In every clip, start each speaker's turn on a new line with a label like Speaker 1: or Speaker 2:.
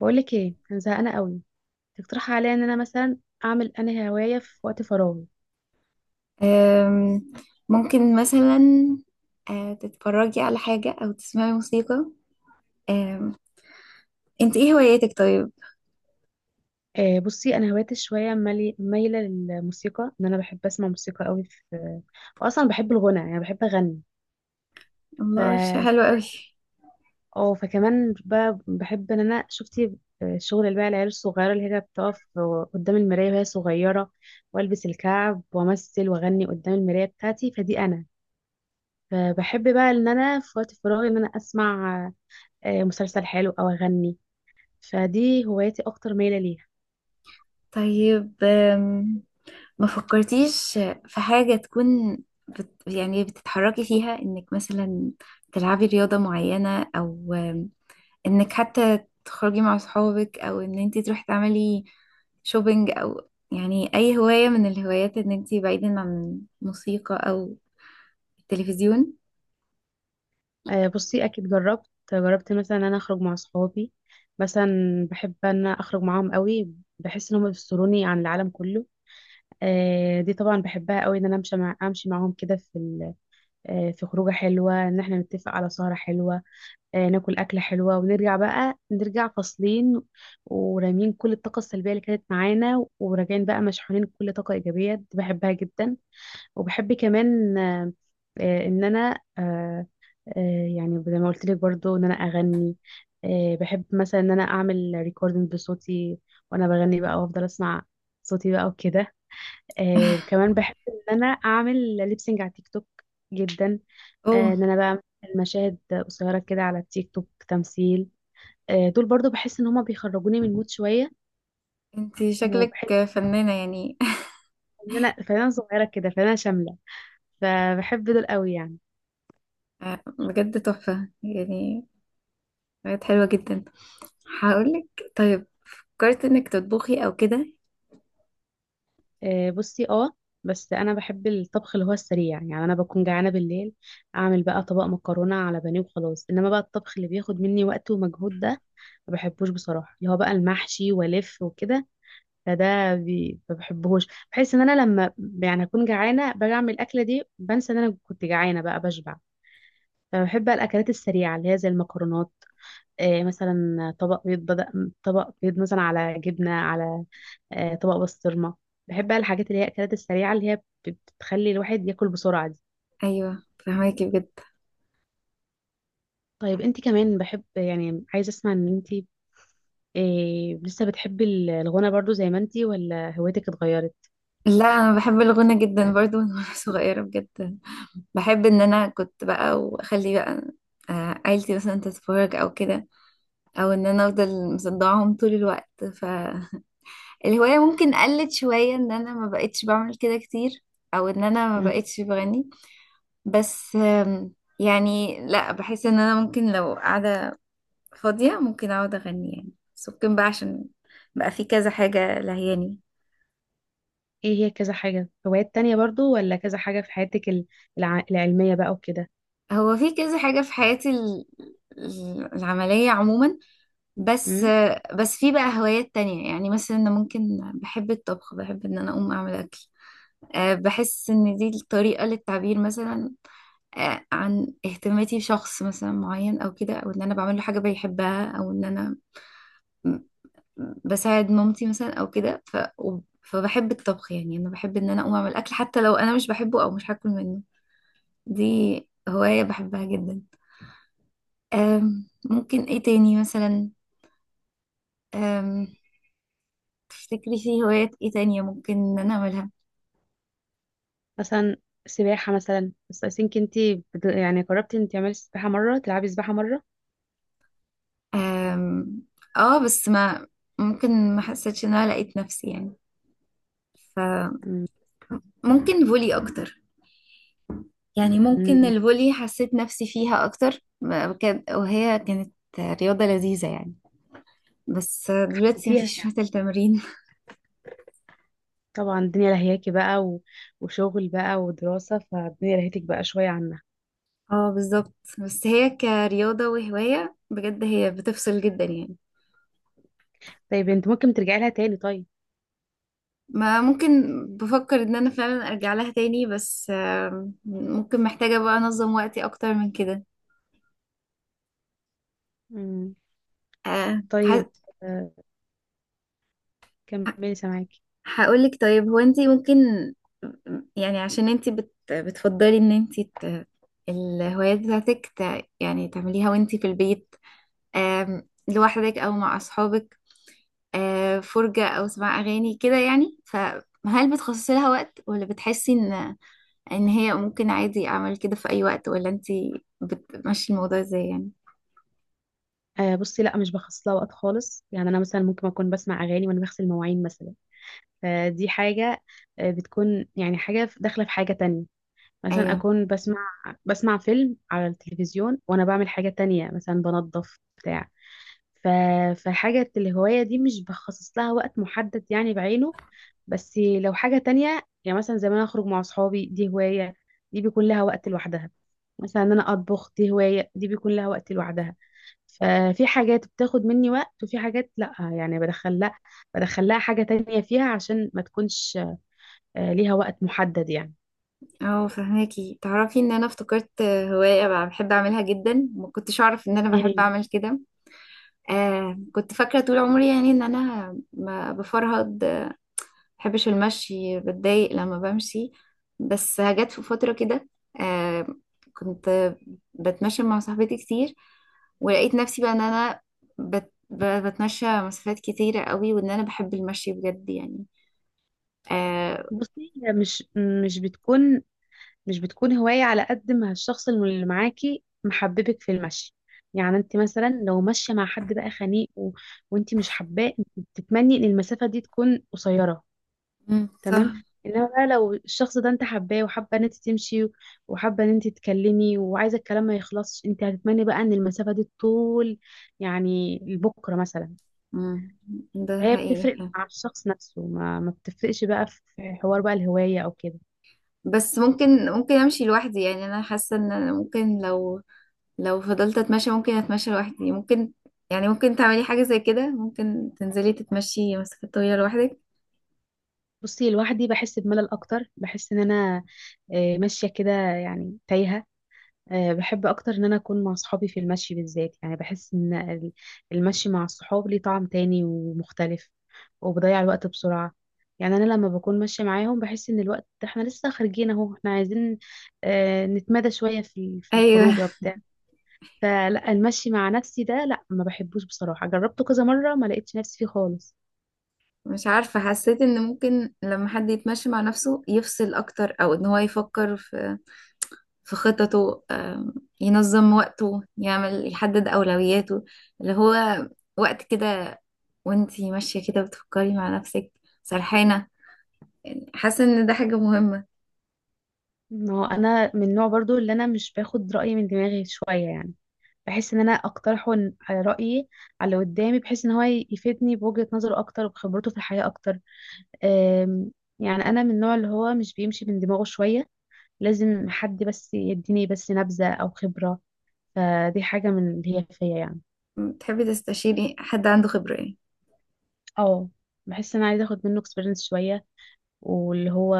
Speaker 1: بقولك ايه، انا زهقانه قوي. تقترحي عليا ان انا مثلا اعمل انا هوايه في وقت فراغي؟
Speaker 2: أم، ممكن مثلا تتفرجي على حاجة أو تسمعي موسيقى. أم، انت ايه هواياتك طيب؟
Speaker 1: بصي انا هوايتي شويه مايله للموسيقى، ان انا بحب اسمع موسيقى قوي في. واصلا بحب الغنى، يعني بحب اغني. ف
Speaker 2: الله حلو قوي.
Speaker 1: اه فكمان بحب ان انا شفتي الشغل اللي بقى العيال الصغيره اللي هي بتقف قدام المرايه وهي صغيره، والبس الكعب وامثل واغني قدام المرايه بتاعتي، فدي انا. فبحب بقى ان انا في وقت فراغي ان انا اسمع مسلسل حلو او اغني. فدي هوايتي اكتر مايله ليها.
Speaker 2: طيب، ما فكرتيش في حاجة تكون يعني بتتحركي فيها انك مثلا تلعبي رياضة معينة او، انك حتى تخرجي مع صحابك او ان انت تروحي تعملي شوبينج، او يعني اي هواية من الهوايات ان انت بعيدا عن موسيقى او التلفزيون.
Speaker 1: بصي اكيد جربت مثلا ان انا اخرج مع صحابي. مثلا بحب ان أنا اخرج معاهم قوي، بحس ان هم بيفصلوني عن العالم كله. دي طبعا بحبها قوي، ان انا امشي معاهم كده في خروجه حلوه، ان احنا نتفق على سهره حلوه. ناكل اكله حلوه ونرجع بقى نرجع فاصلين ورامين كل الطاقه السلبيه اللي كانت معانا، وراجعين بقى مشحونين بكل طاقه ايجابيه. دي بحبها جدا. وبحب كمان ان انا يعني زي ما قلت لك برضو ان انا اغني. بحب مثلا ان انا اعمل ريكوردنج بصوتي وانا بغني بقى، وافضل اسمع صوتي بقى وكده. وكمان بحب ان انا اعمل ليبسينج على تيك توك جدا.
Speaker 2: اوه،
Speaker 1: ان انا بقى أعمل مشاهد قصيره كده على التيك توك، تمثيل. دول برضو بحس ان هما بيخرجوني من المود شويه.
Speaker 2: انتي شكلك
Speaker 1: وبحب
Speaker 2: فنانة يعني.
Speaker 1: ان انا فنانه صغيره كده، فنانه شامله. فبحب دول قوي يعني.
Speaker 2: آه، بجد تحفة يعني، بجد حلوة جدا. هقولك طيب، فكرت انك تطبخي او كده؟
Speaker 1: بصي بس انا بحب الطبخ اللي هو السريع. يعني انا بكون جعانه بالليل، اعمل بقى طبق مكرونه على بانيه وخلاص. انما بقى الطبخ اللي بياخد مني وقت ومجهود ده ما بحبوش بصراحه، اللي هو بقى المحشي والف وكده. فده ما بحبهوش. بحس ان انا لما يعني اكون جعانه باجي اعمل الاكله دي بنسى ان انا كنت جعانه، بقى بشبع. فبحب بقى الاكلات السريعه اللي هي زي المكرونات. مثلا طبق بيض مثلا، على جبنة، على طبق بسطرمة. بحب بقى الحاجات اللي هي الأكلات السريعة اللي هي بتخلي الواحد ياكل بسرعة دي.
Speaker 2: ايوه، فهماكي بجد.
Speaker 1: طيب انت كمان بحب يعني، عايزة اسمع ان انت لسه بتحبي الغنى برضو زي ما انت، ولا هوايتك اتغيرت؟
Speaker 2: لا انا بحب الغنى جدا برضو من وانا صغيرة بجد. بحب ان انا كنت بقى واخلي بقى عيلتي مثلا تتفرج او كده، او ان انا افضل مصدعهم طول الوقت. فالهواية ممكن قلت شوية ان انا ما بقتش بعمل كده كتير او ان انا ما
Speaker 1: مم.
Speaker 2: بقتش بغني. بس يعني لا، بحس ان انا ممكن لو قاعدة فاضية ممكن اقعد اغني يعني. بس ممكن بقى عشان بقى في كذا حاجة لهياني.
Speaker 1: ايه هي كذا حاجة، هوايات تانية برضو، ولا كذا حاجة في حياتك العلمية بقى وكده؟
Speaker 2: هو في كذا حاجة في حياتي العملية عموما. بس
Speaker 1: مم.
Speaker 2: بس في بقى هوايات تانية يعني، مثلا انا ممكن بحب الطبخ، بحب ان انا اقوم اعمل اكل. بحس ان دي الطريقة للتعبير مثلا عن اهتماماتي بشخص مثلا معين او كده، او ان انا بعمل له حاجة بيحبها، او ان انا بساعد مامتي مثلا او كده. فبحب الطبخ يعني، انا بحب ان انا اقوم اعمل اكل حتى لو انا مش بحبه او مش هاكل منه. دي هواية بحبها جدا. ممكن ايه تاني مثلا؟ أم... تفتكري في هوايات ايه تانية ممكن ان انا اعملها؟
Speaker 1: مثلا سباحة مثلا. بس أسينك انت يعني قربتي انت تعملي سباحة مرة، تلعبي سباحة مرة؟
Speaker 2: أم... اه بس ما ممكن ما حسيتش ان انا لقيت نفسي يعني. فممكن فولي اكتر، يعني ممكن
Speaker 1: مم.
Speaker 2: الفولي حسيت نفسي فيها اكتر، وهي كانت رياضة لذيذة يعني. بس دلوقتي
Speaker 1: انتي
Speaker 2: مفيش مثل تمرين.
Speaker 1: طبعا الدنيا لهياكي بقى وشغل بقى ودراسة، فالدنيا لهيتك بقى شوية عنها.
Speaker 2: اه بالظبط، بس هي كرياضة وهواية بجد هي بتفصل جدا يعني.
Speaker 1: طيب انت ممكن ترجعي لها تاني طيب؟
Speaker 2: ما ممكن بفكر ان انا فعلا ارجع لها تاني، بس ممكن محتاجة بقى انظم وقتي اكتر من كده.
Speaker 1: امم.
Speaker 2: آه،
Speaker 1: طيب،
Speaker 2: ه-
Speaker 1: آه، كملي سامعاكي.
Speaker 2: هقولك طيب، هو انتي ممكن، يعني عشان انتي بتفضلي ان انتي الهوايات بتاعتك يعني تعمليها وانتي في البيت، لوحدك او مع اصحابك، فرجة أو سماع أغاني كده يعني. فهل بتخصصي لها وقت، ولا بتحسي إن هي ممكن عادي أعمل كده في أي وقت، ولا أنتي بتمشي الموضوع إزاي يعني؟
Speaker 1: بصي لا، مش بخصص لها وقت خالص. يعني انا مثلا ممكن اكون بسمع اغاني وانا بغسل مواعين مثلا. فدي حاجه بتكون يعني حاجه داخله في حاجه تانية. مثلا
Speaker 2: أيوه.
Speaker 1: اكون بسمع فيلم على التلفزيون وانا بعمل حاجه تانية، مثلا بنظف بتاع. ف... فحاجة الهواية دي مش بخصص لها وقت محدد يعني بعينه. بس لو حاجة تانية يعني، مثلا زي ما أنا أخرج مع أصحابي، دي هواية، دي بيكون لها وقت لوحدها. مثلا إن أنا أطبخ، دي هواية، دي بيكون لها وقت لوحدها. ففي حاجات بتاخد مني وقت، وفي حاجات لأ، يعني بدخل لأ، بدخل لها حاجة تانية فيها عشان ما تكونش ليها وقت محدد يعني.
Speaker 2: اه فهماكي. تعرفي ان انا افتكرت هواية بقى بحب اعملها جدا، ما كنتش اعرف ان انا بحب
Speaker 1: إيه،
Speaker 2: اعمل كده. آه كنت فاكرة طول عمري يعني ان انا ما بفرهد، بحبش المشي، بتضايق لما بمشي. بس جت في فترة كده آه كنت بتمشى مع صاحبتي كتير، ولقيت نفسي بقى ان انا بتمشى مسافات كتيرة قوي، وان انا بحب المشي بجد يعني، آه.
Speaker 1: بصي هي مش بتكون مش بتكون هواية على قد ما الشخص اللي معاكي محببك في المشي. يعني انت مثلا لو ماشية مع حد بقى خنيق وانت مش حباه، انت بتتمني ان المسافة دي تكون قصيرة.
Speaker 2: مم، صح.
Speaker 1: تمام. انما بقى لو الشخص ده انت حباه، وحابة ان انت تمشي وحابة ان انت تتكلمي، وعايزة الكلام ما يخلصش، انت هتتمني بقى ان المسافة دي طول، يعني لبكرة مثلا.
Speaker 2: مم، ده
Speaker 1: هي
Speaker 2: حقيقي
Speaker 1: بتفرق
Speaker 2: فعلا.
Speaker 1: مع الشخص نفسه، ما بتفرقش بقى في حوار بقى الهواية او كده.
Speaker 2: بس ممكن امشي لوحدي يعني. انا حاسة ان أنا ممكن لو فضلت اتمشى ممكن اتمشى لوحدي ممكن. يعني ممكن تعملي حاجة زي كده، ممكن تنزلي تتمشي مسافات طويلة لوحدك.
Speaker 1: بصي لوحدي بحس بملل اكتر. بحس ان انا ماشيه كده يعني تايهه. بحب اكتر ان انا اكون مع صحابي في المشي بالذات. يعني بحس ان المشي مع الصحاب ليه طعم تاني ومختلف، وبضيع الوقت بسرعه. يعني انا لما بكون ماشيه معاهم بحس ان الوقت، احنا لسه خارجين اهو، احنا عايزين نتمدى شويه في
Speaker 2: ايوه.
Speaker 1: الخروجه بتاع. فلا، المشي مع نفسي ده لا، ما بحبوش بصراحه. جربته كذا مره، ما لقيتش نفسي فيه خالص.
Speaker 2: مش عارفة، حسيت ان ممكن لما حد يتمشي مع نفسه يفصل اكتر، او ان هو يفكر في في خططه، ينظم وقته، يعمل يحدد اولوياته، اللي هو وقت كده وانتي ماشية كده بتفكري مع نفسك سرحانة. حاسة ان ده حاجة مهمة.
Speaker 1: ما هو انا من النوع برضو اللي انا مش باخد رايي من دماغي شويه يعني. بحس ان انا اقترحه على رايي، على اللي قدامي، بحيث ان هو يفيدني بوجهه نظره اكتر وبخبرته في الحياه اكتر. أم، يعني انا من النوع اللي هو مش بيمشي من دماغه شويه. لازم حد بس يديني بس نبذه او خبره. فدي حاجه من اللي هي فيا يعني.
Speaker 2: تحبي تستشيري حد عنده خبرة يعني.
Speaker 1: اه. بحس ان انا عايزه اخد منه اكسبيرينس شويه. واللي هو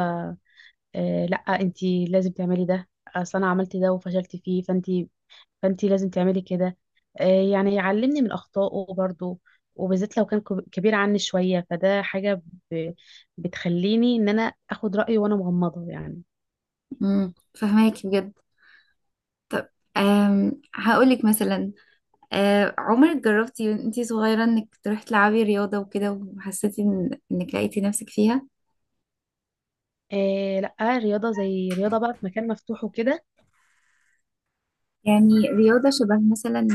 Speaker 1: لا انتي لازم تعملي ده، اصل انا عملت ده وفشلت فيه، فانت لازم تعملي كده. يعني يعلمني من اخطائه برضو. وبالذات لو كان كبير عني شويه، فده حاجه ب- بتخليني ان انا اخد رايه وانا مغمضه يعني.
Speaker 2: امم، فهماكي بجد. طب، هقولك مثلا، عمرك جربتي وانتي صغيرة انك تروحي تلعبي رياضة وكده، وحسيتي إن انك لقيتي نفسك فيها؟
Speaker 1: آه لا، رياضه زي رياضه بقى في مكان مفتوح وكده؟
Speaker 2: يعني رياضة شبه مثلا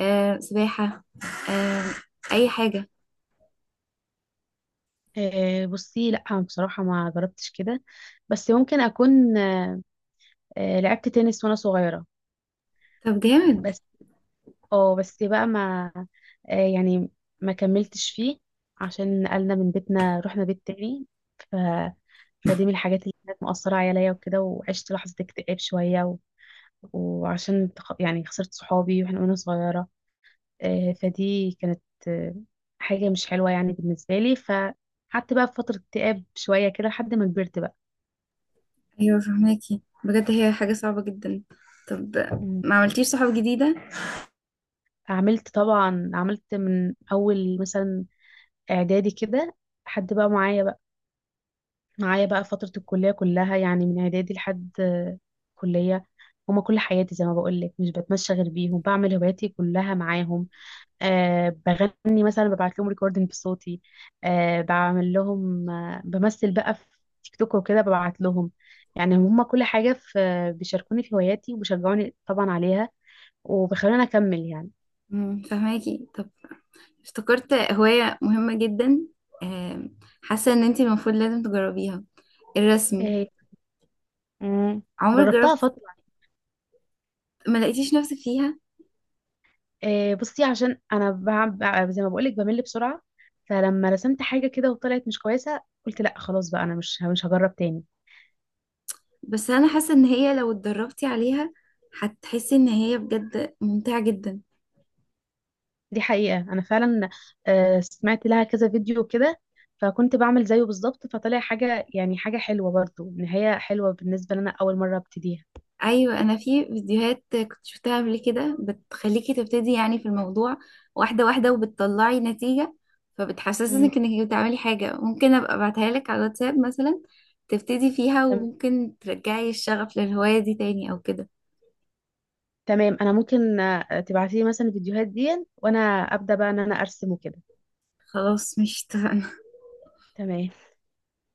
Speaker 2: سباحة، آه، اي حاجة.
Speaker 1: بصي لا بصراحه، ما جربتش كده. بس ممكن اكون لعبت تنس وانا صغيره.
Speaker 2: طب جامد.
Speaker 1: بس اه بس بقى ما آه يعني ما كملتش فيه، عشان نقلنا من بيتنا، رحنا بيت تاني. ف... فدي من الحاجات اللي كانت مؤثرة عليا وكده. وعشت لحظة اكتئاب شوية وعشان يعني خسرت صحابي وانا صغيرة. فدي كانت آه حاجة مش حلوة يعني بالنسبة لي. فقعدت بقى في فترة اكتئاب شوية كده لحد ما كبرت بقى.
Speaker 2: ايوه فهماكي بجد، هي حاجة صعبة جدا. طب،
Speaker 1: مم.
Speaker 2: ما عملتيش صحاب جديدة؟
Speaker 1: عملت طبعا، عملت من أول مثلا إعدادي كده حد بقى معايا بقى فترة الكلية كلها، يعني من إعدادي لحد كلية. هما كل حياتي زي ما بقولك، مش بتمشى غير بيهم، بعمل هواياتي كلها معاهم. أه، بغني مثلا ببعت لهم ريكوردنج بصوتي. أه، بعمل لهم بمثل بقى في تيك توك وكده، ببعت لهم. يعني هما كل حاجة في بيشاركوني في هواياتي وبيشجعوني طبعا عليها، وبيخلوني أكمل يعني.
Speaker 2: مم، فهماكي. طب، افتكرت هواية مهمة جدا، آه، حاسة ان انتي المفروض لازم تجربيها، الرسم.
Speaker 1: أه. مم،
Speaker 2: عمرك
Speaker 1: جربتها
Speaker 2: جربت؟
Speaker 1: فترة.
Speaker 2: ما لقيتيش نفسك فيها.
Speaker 1: بصي عشان انا زي ما بقولك بمل بسرعه. فلما رسمت حاجه كده وطلعت مش كويسه، قلت لا خلاص بقى انا مش هجرب تاني.
Speaker 2: بس انا حاسه ان هي لو اتدربتي عليها هتحسي ان هي بجد ممتعه جدا.
Speaker 1: دي حقيقه، انا فعلا سمعت لها كذا فيديو كده، فكنت بعمل زيه بالظبط، فطلع حاجه، يعني حاجه حلوه برضو، نهايه حلوه بالنسبه لنا اول مره ابتديها.
Speaker 2: ايوه انا في فيديوهات كنت شفتها قبل كده بتخليكي تبتدي يعني في الموضوع واحده واحده، وبتطلعي نتيجه،
Speaker 1: مم.
Speaker 2: فبتحسسك انك بتعملي حاجه. ممكن ابقى ابعتها لك على الواتساب مثلا، تبتدي فيها
Speaker 1: تم-
Speaker 2: وممكن ترجعي الشغف للهوايه دي تاني او كده.
Speaker 1: تمام، انا ممكن تبعتي لي مثلا الفيديوهات دي، وانا ابدا بقى ان انا ارسم وكده.
Speaker 2: خلاص، مش اتفقنا؟
Speaker 1: تمام.